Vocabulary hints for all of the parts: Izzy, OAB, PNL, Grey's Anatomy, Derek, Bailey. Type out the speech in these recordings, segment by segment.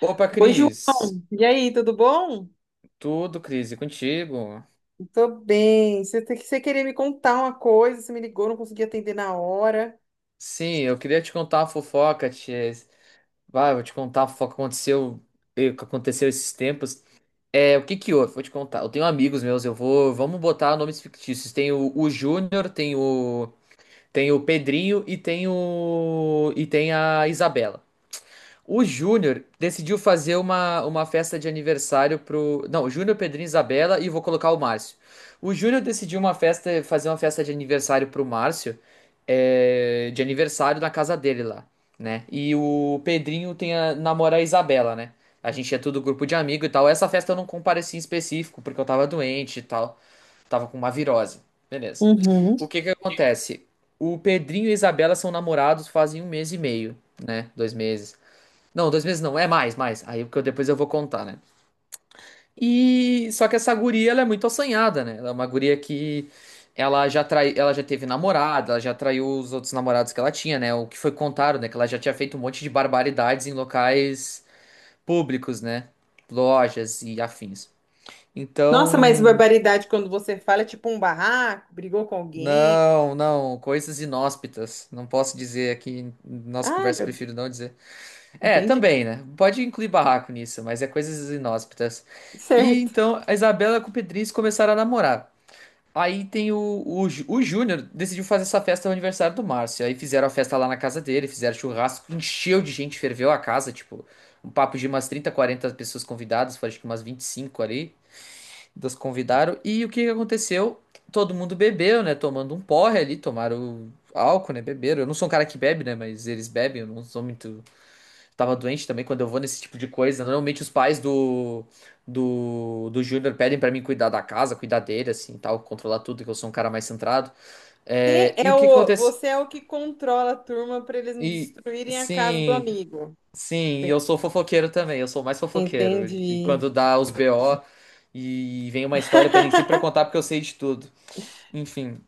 Opa, Oi, Ju. Cris. E aí, tudo bom? Tudo, Cris, e contigo? Tô bem. Você, você queria me contar uma coisa, você me ligou, não consegui atender na hora. Sim, eu queria te contar uma fofoca, tia. Vai, eu vou te contar a fofoca que aconteceu esses tempos. É, o que que houve? Vou te contar. Eu tenho amigos meus, vamos botar nomes fictícios. Tem o Júnior, tem o Pedrinho e tem a Isabela. O Júnior decidiu fazer uma festa de aniversário pro. Não, o Júnior, Pedrinho, Isabela e vou colocar o Márcio. O Júnior decidiu fazer uma festa de aniversário pro Márcio, de aniversário na casa dele lá, né? E o Pedrinho tem a namorar a Isabela, né? A gente é tudo grupo de amigo e tal. Essa festa eu não compareci em específico, porque eu tava doente e tal. Tava com uma virose. Beleza. Uhum. O que que acontece? O Pedrinho e a Isabela são namorados fazem um mês e meio, né? 2 meses. Não, 2 meses não, é mais, mais. Aí porque depois eu vou contar, né? E só que essa guria, ela é muito assanhada, né? Ela é uma guria que ela já trai, ela já teve namorada, ela já traiu os outros namorados que ela tinha, né? O que foi contado, né? Que ela já tinha feito um monte de barbaridades em locais públicos, né? Lojas e afins. Nossa, mas Então, barbaridade quando você fala é tipo um barraco, brigou com alguém. não, não, coisas inóspitas. Não posso dizer aqui, em nossa Ah, conversa, meu Deus. prefiro não dizer. É, Entendi. também, né? Pode incluir barraco nisso, mas é coisas inóspitas. E Certo. então a Isabela com o Pedrinho começaram a namorar. Aí tem o Júnior decidiu fazer essa festa no aniversário do Márcio. Aí fizeram a festa lá na casa dele, fizeram churrasco, encheu de gente, ferveu a casa, tipo, um papo de umas 30, 40 pessoas convidadas, foi acho que umas 25 ali, das convidaram. E o que que aconteceu? Todo mundo bebeu, né? Tomando um porre ali, tomaram álcool, né? Beberam. Eu não sou um cara que bebe, né? Mas eles bebem, eu não sou muito. Tava doente também quando eu vou nesse tipo de coisa. Normalmente os pais do Júnior pedem pra mim cuidar da casa, cuidar dele, assim, tal, controlar tudo, que eu sou um cara mais centrado. Você É, e é o que que o, acontece? você é o que controla a turma para eles não E destruírem a casa do sim, amigo. sim, Enten- eu sou fofoqueiro também, eu sou mais fofoqueiro. E Entendi. quando dá os BO e vem uma história, pedem sempre pra eu contar porque eu sei de tudo. Enfim.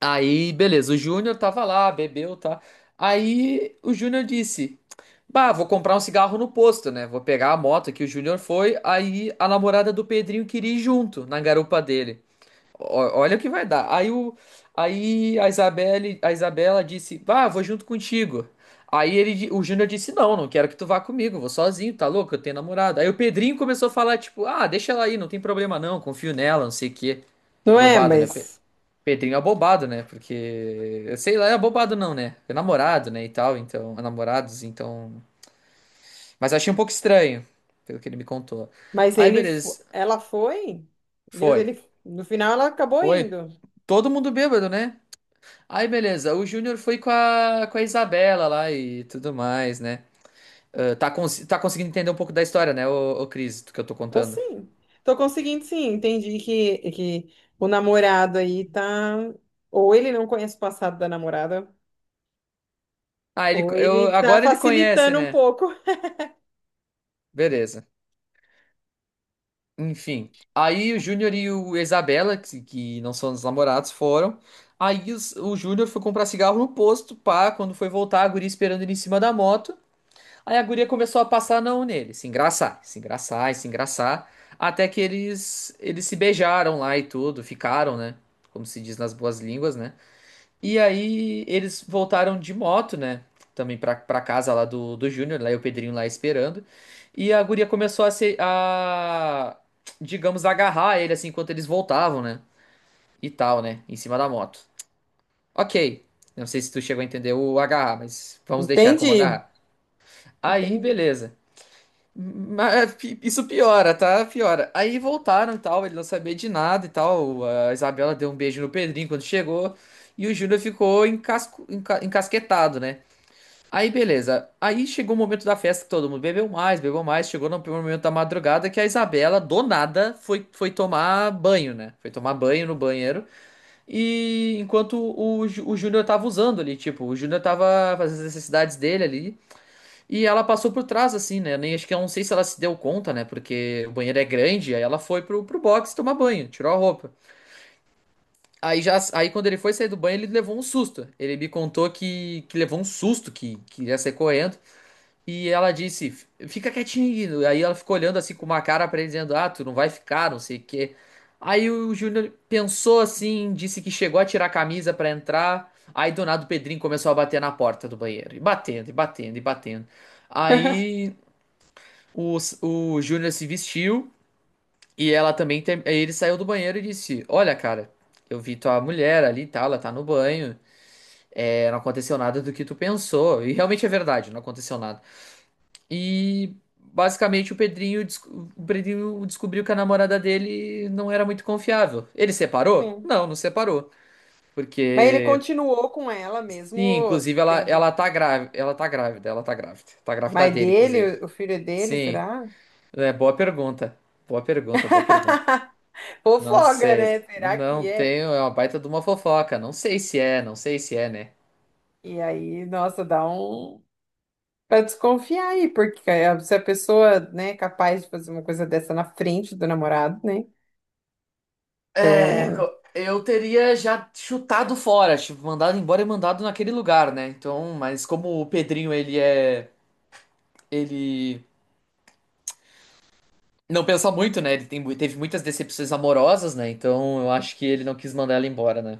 Aí, beleza, o Júnior tava lá, bebeu, tá? Aí o Júnior disse: Bah, vou comprar um cigarro no posto, né? Vou pegar a moto que o Júnior foi. Aí a namorada do Pedrinho queria ir junto na garupa dele. Olha o que vai dar. Aí, o, aí a Isabelle, a Isabela disse: Bah, vou junto contigo. Aí o Júnior disse: Não, não quero que tu vá comigo, vou sozinho, tá louco? Eu tenho namorada. Aí o Pedrinho começou a falar: Tipo, ah, deixa ela aí, não tem problema não, confio nela, não sei o quê. Não é, Bobado, né? mas, Pedrinho é abobado, né? Porque, eu sei lá, é abobado não, né? É namorado, né, e tal, então, é namorados, então... Mas achei um pouco estranho, pelo que ele me contou. Aí, beleza, ela foi? Foi. No final ela acabou Foi indo. todo mundo bêbado, né? Aí, beleza, o Júnior foi com a Isabela lá e tudo mais, né? Ah, tá, tá conseguindo entender um pouco da história, né, ô Cris, do que eu tô Tô contando. sim. Tô conseguindo sim. Entendi que o namorado aí tá. Ou ele não conhece o passado da namorada, Ah, ou ele tá agora ele conhece, facilitando um né? pouco. Beleza. Enfim. Aí o Júnior e o Isabela, que não são os namorados, foram. Aí o Júnior foi comprar cigarro no posto, pá. Quando foi voltar, a guria esperando ele em cima da moto. Aí a guria começou a passar a mão nele, se engraçar, se engraçar e se engraçar. Até que eles se beijaram lá e tudo, ficaram, né? Como se diz nas boas línguas, né? E aí eles voltaram de moto, né? Também pra casa lá do Júnior, lá e o Pedrinho lá esperando. E a guria começou a se, a, digamos, agarrar ele assim enquanto eles voltavam, né? E tal, né? Em cima da moto. Ok. Não sei se tu chegou a entender o agarrar, mas vamos deixar como Entendi. agarrar. Aí, Entendi. beleza. Mas isso piora, tá? Piora. Aí voltaram e tal, ele não sabia de nada e tal. A Isabela deu um beijo no Pedrinho quando chegou. E o Júnior ficou encasquetado, né? Aí beleza. Aí chegou o momento da festa que todo mundo bebeu mais, bebeu mais. Chegou no primeiro momento da madrugada que a Isabela, do nada, foi tomar banho, né? Foi tomar banho no banheiro. E enquanto o Júnior tava usando ali, tipo, o Júnior tava fazendo as necessidades dele ali. E ela passou por trás, assim, né? Nem, acho que eu não sei se ela se deu conta, né? Porque o banheiro é grande, aí ela foi pro box tomar banho, tirou a roupa. Aí quando ele foi sair do banho, ele levou um susto. Ele me contou que, que ia sair correndo. E ela disse, fica quietinho. Aí ela ficou olhando assim com uma cara pra ele, dizendo, ah, tu não vai ficar, não sei o quê. Aí o Júnior pensou assim, disse que chegou a tirar a camisa pra entrar. Aí do nada o Pedrinho começou a bater na porta do banheiro. E batendo, e batendo, e batendo. Aí o Júnior se vestiu e ela também. Aí ele saiu do banheiro e disse: Olha, cara, eu vi tua mulher ali e tal, ela tá no banho. É, não aconteceu nada do que tu pensou. E realmente é verdade, não aconteceu nada. E basicamente o Pedrinho descobriu que a namorada dele não era muito confiável. Ele separou? Sim. Não, não separou. Mas ele Porque. continuou com ela Sim, mesmo inclusive ela, tendo. ela tá grávida. Ela tá grávida, ela tá grávida. Tá grávida Mas dele, inclusive. dele, o filho é dele, Sim. será? É, boa pergunta. Boa pergunta, boa pergunta. Não Fofoga, sei. né? Será Não que é? tenho. É uma baita de uma fofoca. Não sei se é, não sei se é, né? E aí, nossa, dá um. Pra desconfiar aí, porque se a pessoa, né, é capaz de fazer uma coisa dessa na frente do namorado, né? É, Então, eu teria já chutado fora, tipo, mandado embora e mandado naquele lugar, né? Então, mas como o Pedrinho, ele é. Ele não pensa muito, né? Ele teve muitas decepções amorosas, né? Então eu acho que ele não quis mandar ela embora, né?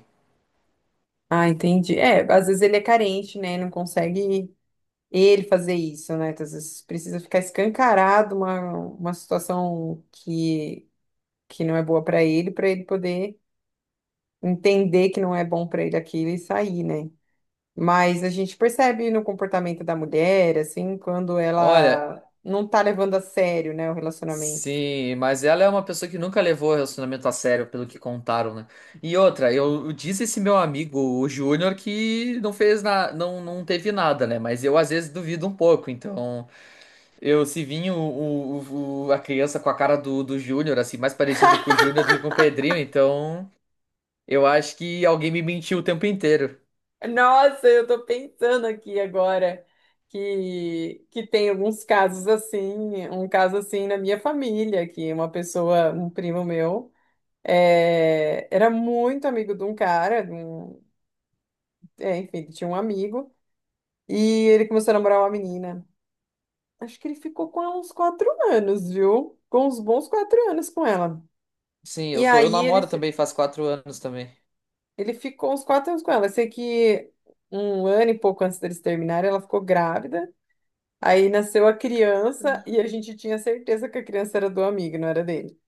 ah, entendi. É, às vezes ele é carente, né? Não consegue ele fazer isso, né? Às vezes precisa ficar escancarado uma situação que não é boa para ele poder entender que não é bom para ele aquilo e sair, né? Mas a gente percebe no comportamento da mulher, assim, quando Olha. ela não tá levando a sério, né, o relacionamento. Sim, mas ela é uma pessoa que nunca levou relacionamento a sério, pelo que contaram, né? E outra, eu disse esse meu amigo, o Júnior, que não fez na, não, não teve nada, né? Mas eu às vezes duvido um pouco. Então, eu se vinha a criança com a cara do Júnior, assim, mais parecido com o Júnior do que com o Pedrinho, então eu acho que alguém me mentiu o tempo inteiro. Nossa, eu tô pensando aqui agora que tem alguns casos assim, um caso assim na minha família, que uma pessoa, um primo meu, era muito amigo de um cara, enfim, ele tinha um amigo, e ele começou a namorar uma menina. Acho que ele ficou com ela uns 4 anos, viu? Com uns bons 4 anos com ela. Sim, E eu aí ele, namoro também faz 4 anos também. ele ficou uns 4 anos com ela. Eu sei que um ano e pouco antes deles terminarem, ela ficou grávida. Aí nasceu a criança e a gente tinha certeza que a criança era do amigo, não era dele.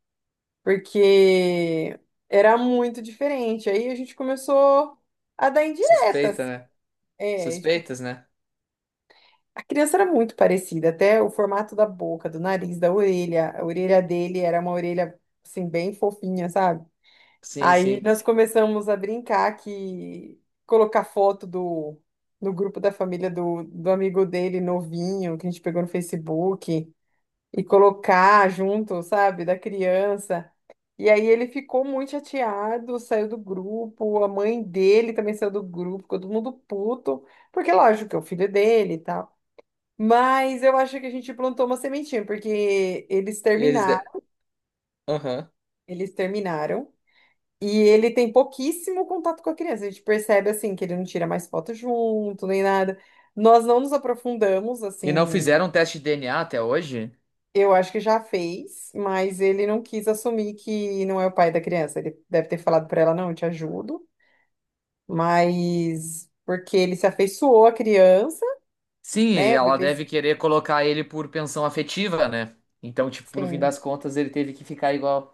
Porque era muito diferente. Aí a gente começou a dar indiretas. Suspeita, né? É, tipo, Suspeitas, né? a criança era muito parecida, até o formato da boca, do nariz, da orelha. A orelha dele era uma orelha, assim, bem fofinha, sabe? Sim, Aí sim. nós começamos a brincar que colocar foto do no grupo da família do amigo dele novinho, que a gente pegou no Facebook. E colocar junto, sabe, da criança. E aí ele ficou muito chateado, saiu do grupo, a mãe dele também saiu do grupo, ficou todo mundo puto, porque lógico que é o filho dele e tal. Mas eu acho que a gente plantou uma sementinha, porque eles Eles. De... terminaram, Aham. eles terminaram. E ele tem pouquíssimo contato com a criança. A gente percebe assim que ele não tira mais foto junto, nem nada. Nós não nos aprofundamos E não assim. fizeram um teste de DNA até hoje? Eu acho que já fez, mas ele não quis assumir que não é o pai da criança. Ele deve ter falado para ela, não, eu te ajudo, mas porque ele se afeiçoou à criança, Sim, e né? O ela bebê, deve querer colocar ele por pensão afetiva, né? Então, tipo, no fim das sim. contas, ele teve que ficar igual.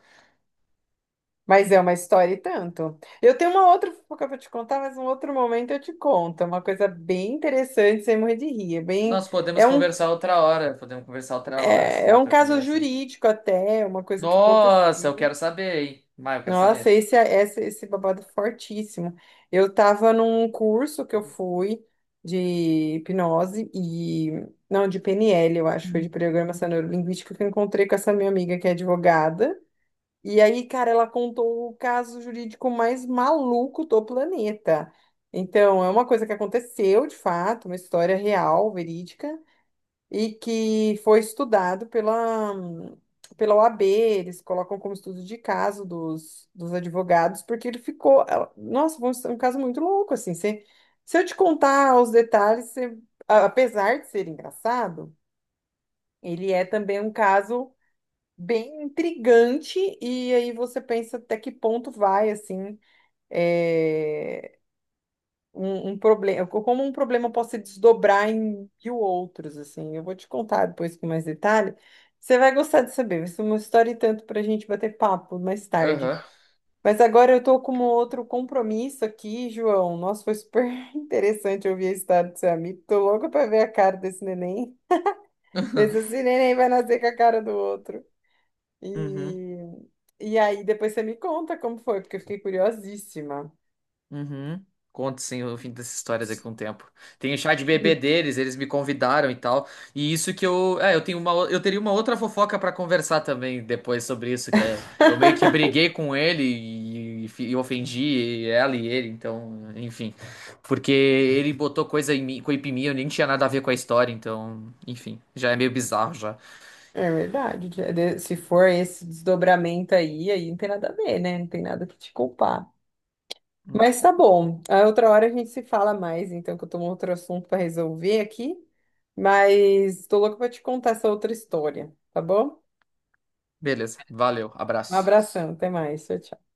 Mas é uma história e tanto. Eu tenho uma outra fofoca para te contar, mas um outro momento eu te conto. É uma coisa bem interessante, sem morrer de rir. É bem, Nós podemos é um, conversar outra hora, podemos conversar outra hora, é, assim, é um outra caso conversa. jurídico até, uma coisa que Nossa, eu aconteceu. quero saber, hein? Mas eu quero Nossa, saber. esse babado é fortíssimo. Eu tava num curso que eu fui de hipnose Não, de PNL, eu acho, foi de programação neurolinguística, que eu encontrei com essa minha amiga que é advogada. E aí, cara, ela contou o caso jurídico mais maluco do planeta. Então, é uma coisa que aconteceu, de fato, uma história real, verídica e que foi estudado pela OAB, eles colocam como estudo de caso dos advogados, porque ele ficou. Nossa, foi um caso muito louco, assim. Se eu te contar os detalhes, apesar de ser engraçado, ele é também um caso bem intrigante, e aí você pensa até que ponto vai, assim, é, um problema, como um problema pode se desdobrar em mil outros, assim. Eu vou te contar depois com mais detalhe. Você vai gostar de saber, vai ser uma história e tanto para a gente bater papo mais tarde. Aham. Mas agora eu tô com um outro compromisso aqui, João. Nossa, foi super interessante ouvir a história do seu amigo. Tô louca para ver a cara desse neném. Ver se esse neném vai nascer com a cara do outro. Uhum. E, e aí depois você me conta como foi, porque eu fiquei curiosíssima. Uhum. Conto sim o fim dessa história daqui a um tempo. Tem o chá de bebê deles, eles me convidaram e tal. E isso que eu teria uma outra fofoca pra conversar também depois sobre isso, que é, eu meio que briguei com ele e ofendi ela e ele, então, enfim, porque ele botou coisa em mim, eu nem tinha nada a ver com a história, então, enfim, já é meio bizarro já. É verdade. Se for esse desdobramento aí não tem nada a ver, né? Não tem nada que te culpar. Mas tá bom. A outra hora a gente se fala mais, então, que eu tô com outro assunto para resolver aqui. Mas tô louca pra te contar essa outra história, tá bom? Beleza, valeu, Um abraço. abração, até mais. Tchau, tchau.